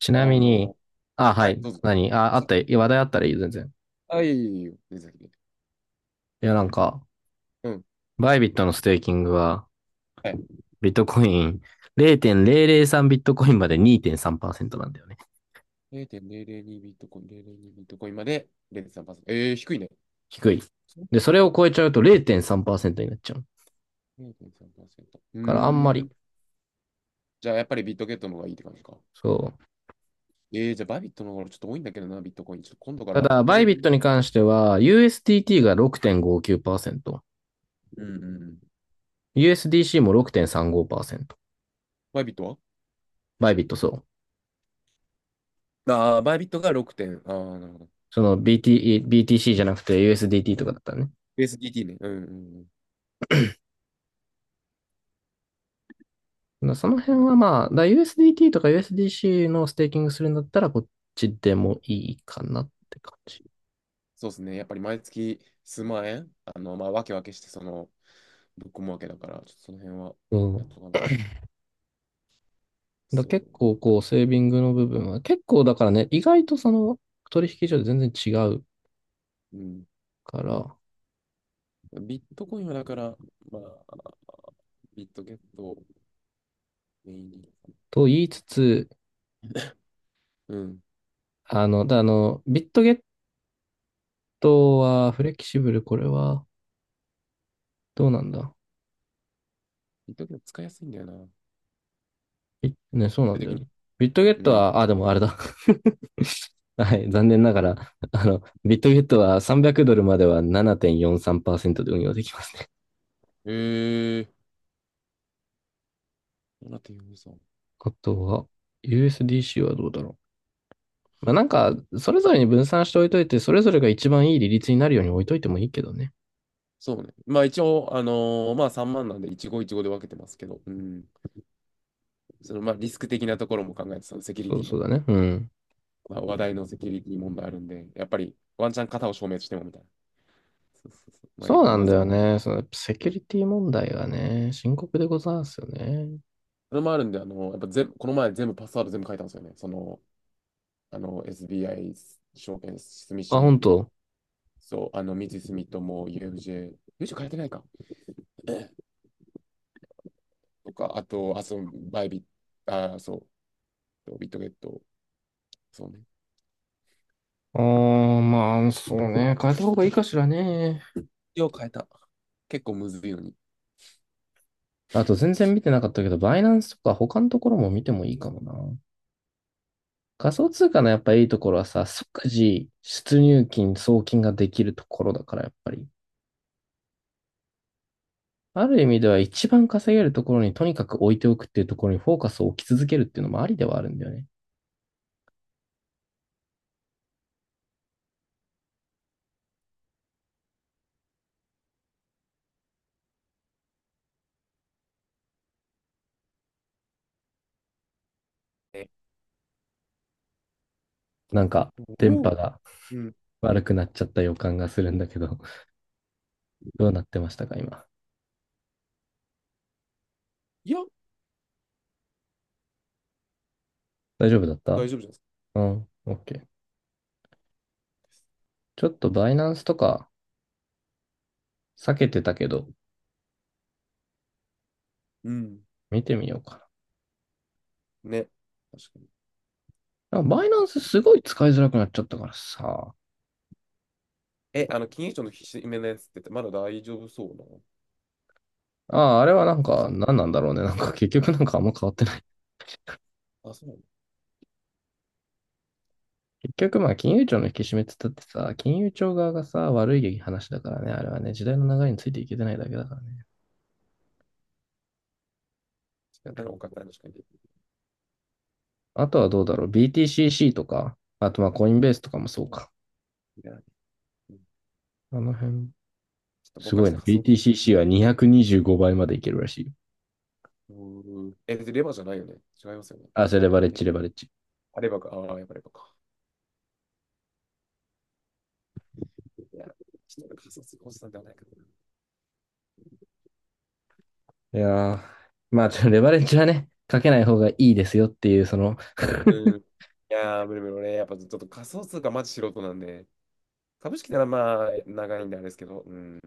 ちなあみに、の、あ、ははい、い。どうぞ。何あ、あ、あそった、いや、話題あったらいいよ、全然。いえいえいえいえ、全然先で。いや、なんか、うん。バイビットのステーキングは、はい。ビットコイン0.003ビットコインまで2.3%なんだよね。0.002ビットコイン、0.02ビットコインまで0.3%。低いね。低い。そうで、それを超えちゃうと0.3%になっちゃう。0.3%。うーからあんまり。ん。じゃあ、やっぱりビットゲットの方がいいって感じか。そう。じゃあ、バイビットの方がちょっと多いんだけどな、ビットコイン。ちょっと今度かたらだ、ビットバゲイッビト。ットに関しては、USDT が6.59%、うんうんうん。USDC も6.35%。バイビットはバイビットそう。ああー、バイビットが6点。ああ、なるほど。その BTC じゃなくて USDT とかだったらね。ユー s d t ね。うんうんそのうん。辺はまあ、USDT とか USDC のステーキングするんだったらこっちでもいいかなって感じ。そうですね。やっぱり毎月数万円、まあ、わけして、ぶっ込むわけだから、ちょっとその辺はうん。やっとかな。結構そこう、セービングの部分は、結構だからね、意外とその取引所で全然違うう。うん。から、ビットコインはだから、まあ、ビットゲットをメインに。と言いつつ、うん。あの、だあの、ビットゲットはフレキシブル、これはどうなんだ。ビットゲット使いやすいんだよな。基本いね、そうなん的だよに。ね。ビットゲッうトん。は、あ、でもあれだ。はい、残念ながら、ビットゲットは300ドルまでは7.43%で運用できますね。へえ。どうなってるんですか？ あとは、USDC はどうだろう。まあ、なんか、それぞれに分散しておいといて、それぞれが一番いい利率になるように置いといてもいいけどね。そうね。まあ一応、まあ3万なんで一期一会で分けてますけど、うん。そのまあリスク的なところも考えて、そのセキュリそテうィの、そうだね。うん。まあ話題のセキュリティ問題あるんで、やっぱりワンチャン型を証明してもみたいな。そうそうそう。まあ、そうなんだ望よまん。ね。その、セキュリティ問題がね、深刻でございますよね。それもあるんで、やっぱ全この前全部パスワード全部書いたんですよね。その、あの、SBI 証券住あ、本信、当。そう、あの、三井住友、UFJ、u f 変えてないか。とか、あと、あ、そう、バイビット、ビットゲット、そうね。ああ、まあ、そうね。変えた方がいいかしらね。よう変えた。結構むずいのに。あと全然見てなかったけど、バイナンスとか他のところも見てもいいかもな。仮想通貨のやっぱいいところはさ、即時出入金、送金ができるところだからやっぱり。ある意味では一番稼げるところにとにかく置いておくっていうところにフォーカスを置き続けるっていうのもありではあるんだよね。え、なんか、電お波お、がうん。悪くなっちゃった予感がするんだけど、どうなってましたか、今。いや、大丈夫だった？大丈夫じゃないですか。うん、OK。ちょっとバイナンスとか避けてたけど、うん。見てみようかね。確かに。な。バイナンスすごい使いづらくなっちゃったからさ。え、あの、金融庁のひしめのやつって、まだ大丈夫そうな。ああ、あれはなんか、その、何なんだろうね。なんか、結局なんかあんま変わってない。あ、そうなの。結局まあ、金融庁の引き締めって言ったってさ、金融庁側がさ、悪い話だからね。あれはね、時代の流れについていけてないだけだからね。仕方が多かったら確かに。あとはどうだろう。BTCC とか、あとまあ、コインベースとかもそうか。いや、うん、あの辺、ちょっとす僕はごちいょっな。と仮想。BTCC は225倍までいけるらしいよ。うーん、え、でレバーじゃないよね。違いますよね。あ、それレバレッジ、レバレッジ。あればか、ああ、やっぱりばか。いや、ちょっと俺仮想通貨おじさんではないけど。いやー、まあ、レバレッジはね、かけない方がいいですよっていう、その う ん。いやー、無理無理。俺、やっぱちょっと仮想通貨マジ素人なんで、株式ならまあ、長いんであれですけど、うん。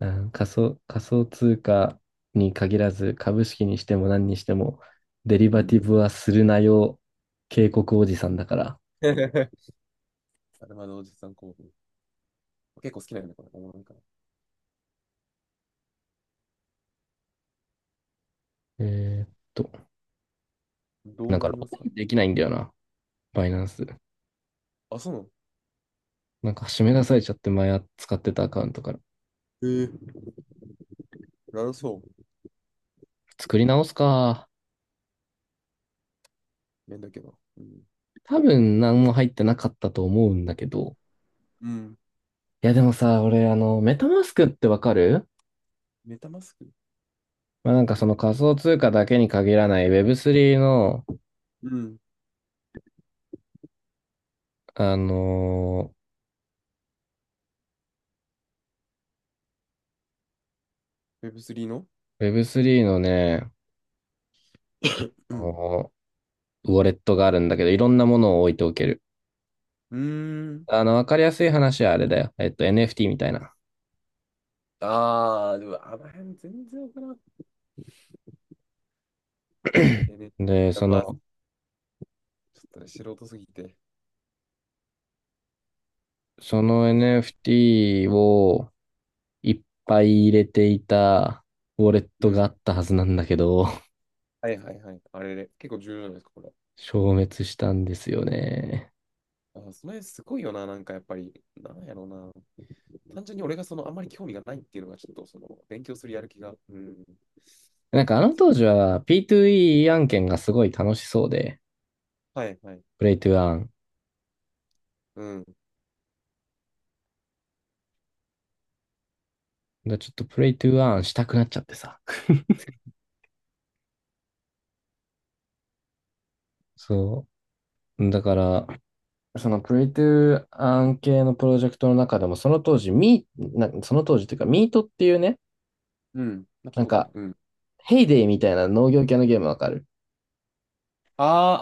うん、仮想通貨に限らず、株式にしても何にしても、デリうバティん。ブはするなよ、警告おじさんだから。あれまだおじさん興奮。結構好きなんだ、これ。おもろいから。えーっと、どなうんかなりロますグか？インできないんだよな、バイナンス。あ、そうなの。なんか締め出されちゃって、前使ってたアカウントから。ええ、なるそう。作り直すか。面だけど。うん。多分何も入ってなかったと思うんだけど。うん。いやでもさ、俺、メタマスクってわかる？メタマスク。まあ、なんかその仮想通貨だけに限らない Web3 の、うん。あのウェブ3の ー Web3 のね、うあん。のウォレットがあるんだけど、いろんなものを置いておける。うーん。わかりやすい話はあれだよ。NFT みたいな。ああ、でも、あの辺全然わからん。えね。で、そまあ、ちょの、っとね、素人すぎて。NFT をいっぱい入れていたウォレッうトがん。あったはずなんだけど、はいはいはい。あれで結構重要じゃなんですか、これ？消滅したんですよね。あ、それすごいよな、なんかやっぱり、なんやろうな。単純に俺がその、あんまり興味がないっていうのが、ちょっとその、勉強するやる気が。うん。なんかあの当時は P2E 案件がすごい楽しそうで、はいはい。プレイトゥーアーン。だかうん。らちょっとプレイトゥーアーンしたくなっちゃってさ。そう。だから、そのプレイトゥー案系のプロジェクトの中でも、その当時、ミー、なその当時っていうか、ミートっていうね、うん。な、聞いなたんことあるか、な。うん。ヘイデイみたいな農業系のゲームわかる？あ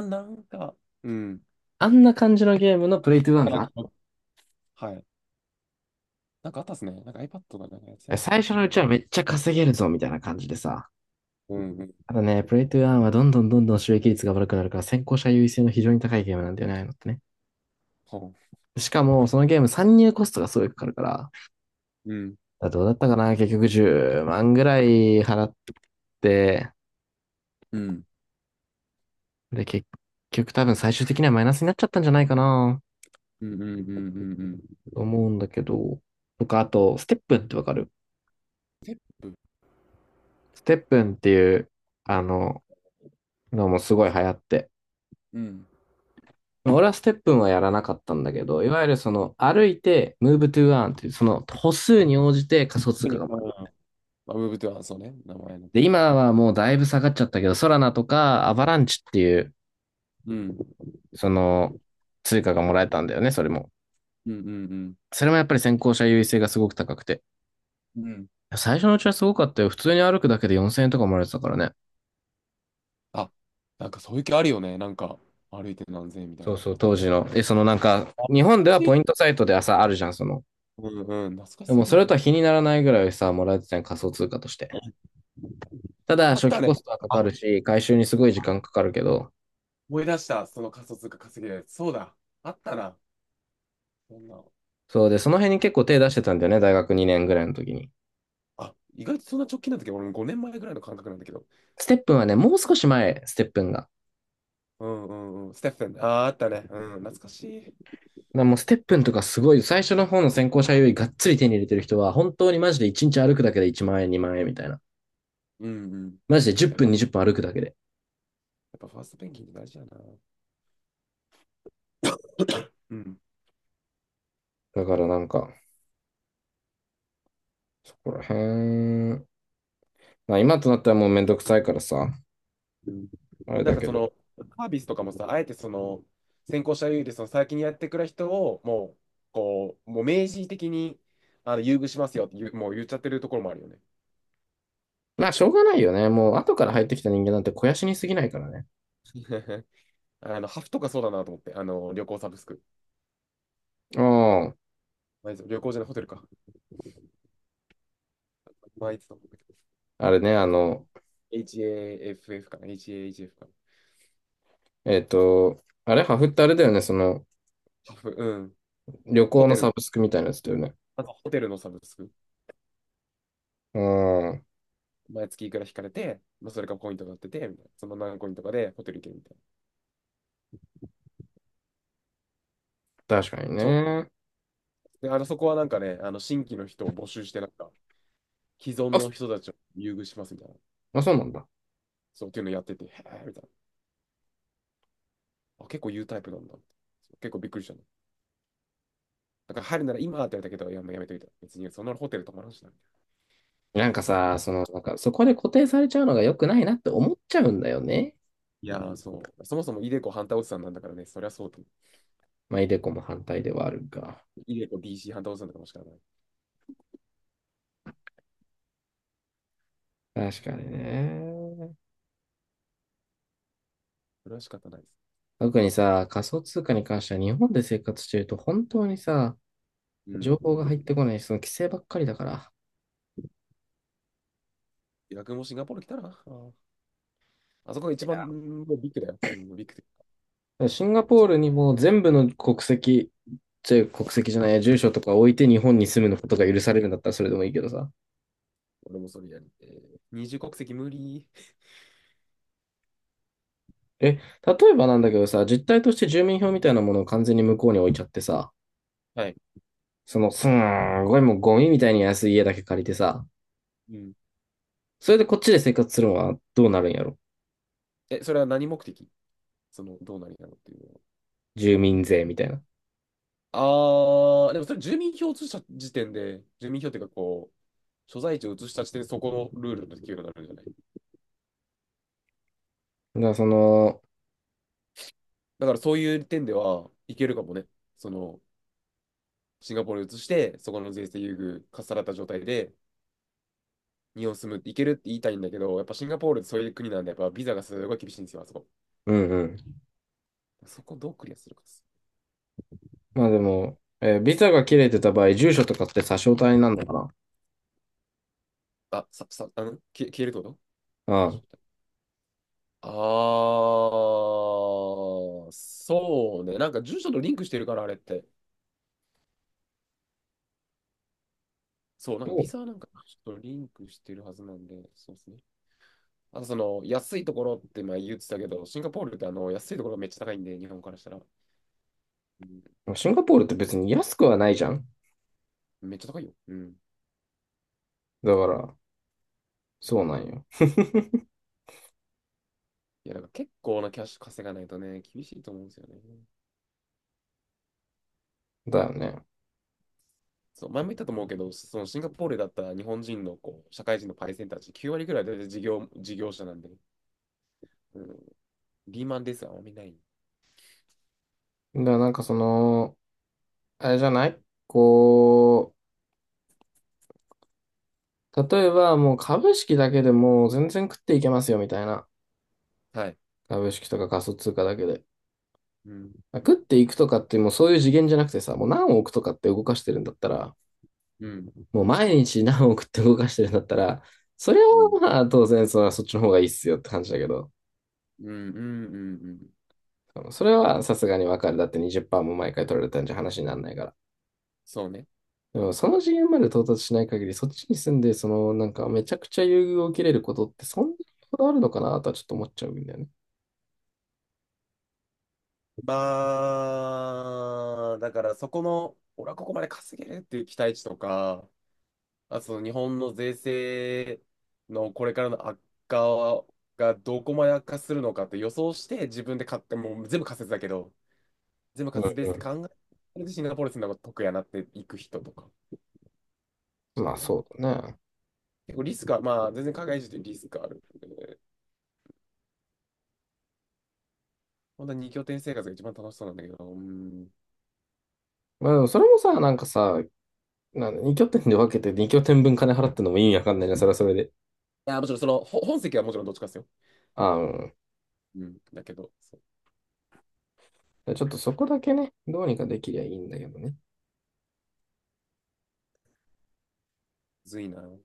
ー、あー、なんか、うん。あんな感じのゲームのプレイトゥーンなんか、が、はい。なんかあったっすね。なんか iPad がなんかやってたような気最が初しのな。うちはめっちゃ稼げるぞみたいな感じでさ。うん。うん。ただね、プレイトゥーンはどんどんどんどん収益率が悪くなるから、先行者優位性の非常に高いゲームなんだよね、ああいうのってね。ほしかも、そのゲーム参入コストがすごいかかるから、う、うん。どうだったかな結局10万ぐらい払って、うん。で、結局多分最終的にはマイナスになっちゃったんじゃないかなうん。うん。うん。うん。うん。と思うんだけど、とか、あと、ステップンってわかる？ステップ。ステップンっていう、あの、のもすごい流行って。うん。俺はステップンはやらなかったんだけど、いわゆるその歩いて、ムーブトゥーアーンっていう、その歩数に応じて仮想通うん。貨が回る。あ、ウェブではそうね、名前ので、通り。今はもうだいぶ下がっちゃったけど、ソラナとかアバランチっていう、うん。その通貨がもらえたんだよね、それも。うんうんそれもやっぱり先行者優位性がすごく高くて。うん。うん。最初のうちはすごかったよ。普通に歩くだけで4000円とかもらえてたからね。あ、なんかそういう気あるよね。なんか、歩いて何千円みたいそな。うあそう、っ当たな。時の。え、そのなんか、あ、日本懐でかはしポい。イントサイトで朝あるじゃん、その。うんうん。懐かでしすもぎそるれとはな。比にならないぐらいさ、もらえてたん仮想通貨として。ただ、あっ初た期ね。コストはかかあ、るし、回収にすごい時間あ、かかるけど、思い出した。その仮想通貨稼ぎで。そうだ。あったな。そんな。そうで、その辺に結構手出してたんだよね、大学2年ぐらいの時に。あ、意外とそんな直近なんだけど、俺も5年前ぐらいの感覚なんだけど。ステップンはね、もう少し前、ステップンが。だかうんうんうん。ステッフェン。あー、あったね。うん、懐かしい。らもうステップンとかすごい、最初の方の先行者優位がっつり手に入れてる人は、本当にマジで1日歩くだけで1万円、2万円みたいな。うんうん。マジで10やっぱ、分、や20分歩くだけで。っぱファーストペンギンって大事やな。うん。だからなんか、そこら辺、まあ今となったらもうめんどくさいからさ、うん。あれなんだかけそど。の、サービスとかもさ、あえてその、先行者優位で、その先にやってくれる人を、もう、こう、もう明示的に、あの、優遇しますよって言う、もう言っちゃってるところもあるよね。まあ、しょうがないよね。もう、後から入ってきた人間なんて肥やしに過ぎないからね。あの、ハフとかそうだなと思って、あの、旅行サブスク。あまあいつ旅行じゃない、ホテルか。まあ、いつだと思うんだけど、あれね、ハフ、 HAFF かな、HAHF かな。あれ、ハフってあれだよね。その、ハフ、うん。旅ホ行テのル、サブスクみたいなやつだよね。まずホテルのサブスク。うん、毎月いくら引かれて、まあ、それがポイントになってて、みたいな。その何コインとかでホテル行けるみたいな。確かにちょ、ね。で、あの、そこはなんかね、あの、新規の人を募集して、なんか、既存あ、のそ人たちを優遇しますみたいな。そうなんだ。そうっていうのやってて、へえ、みたいな。あ、結構言うタイプなんだ。結構びっくりしたの。だから入るなら今って言われたけど、いや、もうやめといた。別にそんなホテル泊まらんしな。なんかうん、さ、その、なんか、そこで固定されちゃうのが良くないなって思っちゃうんだよね。いやー、そう。そもそもイデコハンターおじさんなんだからね、そりゃそうと。まあ、イデコも反対ではあるが。イデコ b c ハンター反対おじさんだからもしかない。確かにね。それは仕方ないです。特にさ、仮想通貨に関しては日本で生活してると本当にさ、う情ん。報が入ってこないし、その規制ばっかりだから。逆もシンガポール来たら、あ、あそこが一番、うん、ビッグだよ。うん、ビッグで。シンガポー一、ルにもう全部の国籍、ちょ、国籍じゃないや、住所とか置いて日本に住むのことが許されるんだったらそれでもいいけどさ。俺もそれやり。えー、二重国籍無理。え、例えばなんだけどさ、実態として住民票みたいなものを完全に向こうに置いちゃってさ、はい。その、すんごいもうゴミみたいに安い家だけ借りてさ、うん。それでこっちで生活するのはどうなるんやろ？え、それは何目的？その、どうなりなのっていうのは。住民税みたいな。ああ、でもそれ住民票を移した時点で、住民票っていうかこう、所在地を移した時点でそこのルールの適用になるんじゃない？だからその、だからそういう点ではいけるかもね。その、シンガポールに移して、そこの税制優遇かっさらった状態で、日本住むっていけるって言いたいんだけど、やっぱシンガポールってそういう国なんで、やっぱビザがすごい厳しいんですよ、あそこ。うんうん。そこをどうクリアするかです。まあでも、ビザが切れてた場合、住所とかって差し押さえになるのかあ、さ、さ、あの、消えるってこと？な？ああー、そうね。なんか住所とリンクしてるから、あれって。そう、なんかビザはなんかちょっとリンクしてるはずなんで、そうですね。あとその安いところって前言ってたけど、シンガポールってあの安いところがめっちゃ高いんで、日本からしたら。うん、うん。シンガポールって別に安くはないじゃん。めっちゃ高いよ。うん。だから、そうなんよ。いや、なんか結構なキャッシュ稼がないとね、厳しいと思うんですよね。だよね。そう、前も言ったと思うけど、そのシンガポールだったら日本人のこう社会人のパイセンたち9割ぐらい大体事業者なんで、うん、リーマンですあんまりない。だからなんかその、あれじゃない？こう、例えばもう株式だけでもう全然食っていけますよみたいな。はい。株式とか仮想通貨だけで。うん、食っていくとかってもうそういう次元じゃなくてさ、もう何億とかって動かしてるんだったら、うん、もう毎日何億って動かしてるんだったら、それはうん、まあ当然そっちの方がいいっすよって感じだけど、うん、うん、うん。うん、それはさすがにわかる。だって20%も毎回取られたんじゃ話にならないから。そうね。でもその次元まで到達しない限り、そっちに住んで、その、なんか、めちゃくちゃ優遇を受けれることって、そんなにこだわるのかなとはちょっと思っちゃうんだよね。まあ、だからそこの、俺はここまで稼げるっていう期待値とか、あ、その日本の税制のこれからの悪化がどこまで悪化するのかって予想して自分で買って、もう全部仮説だけど、全部うん仮説ベースでう考え、それでシンガポール住んだ方が得やなっていく人とかん。じゃまあ、ない。そうだね。結構リスクは、まあ全然海外移住ってリスクある。本当に二拠点生活が一番楽しそうなんだけど、うん。いまあ、でもそれもさ、なんかさ、なんに拠点で分けて二拠点分金払ってんのも意味わかんないな、それはそれで。や、もちろんその、ほ本籍はもちろんどっちかですよ。ああ、うん。うん。だけど、そう、ちょっとそこだけね、どうにかできりゃいいんだけどね。むずいな。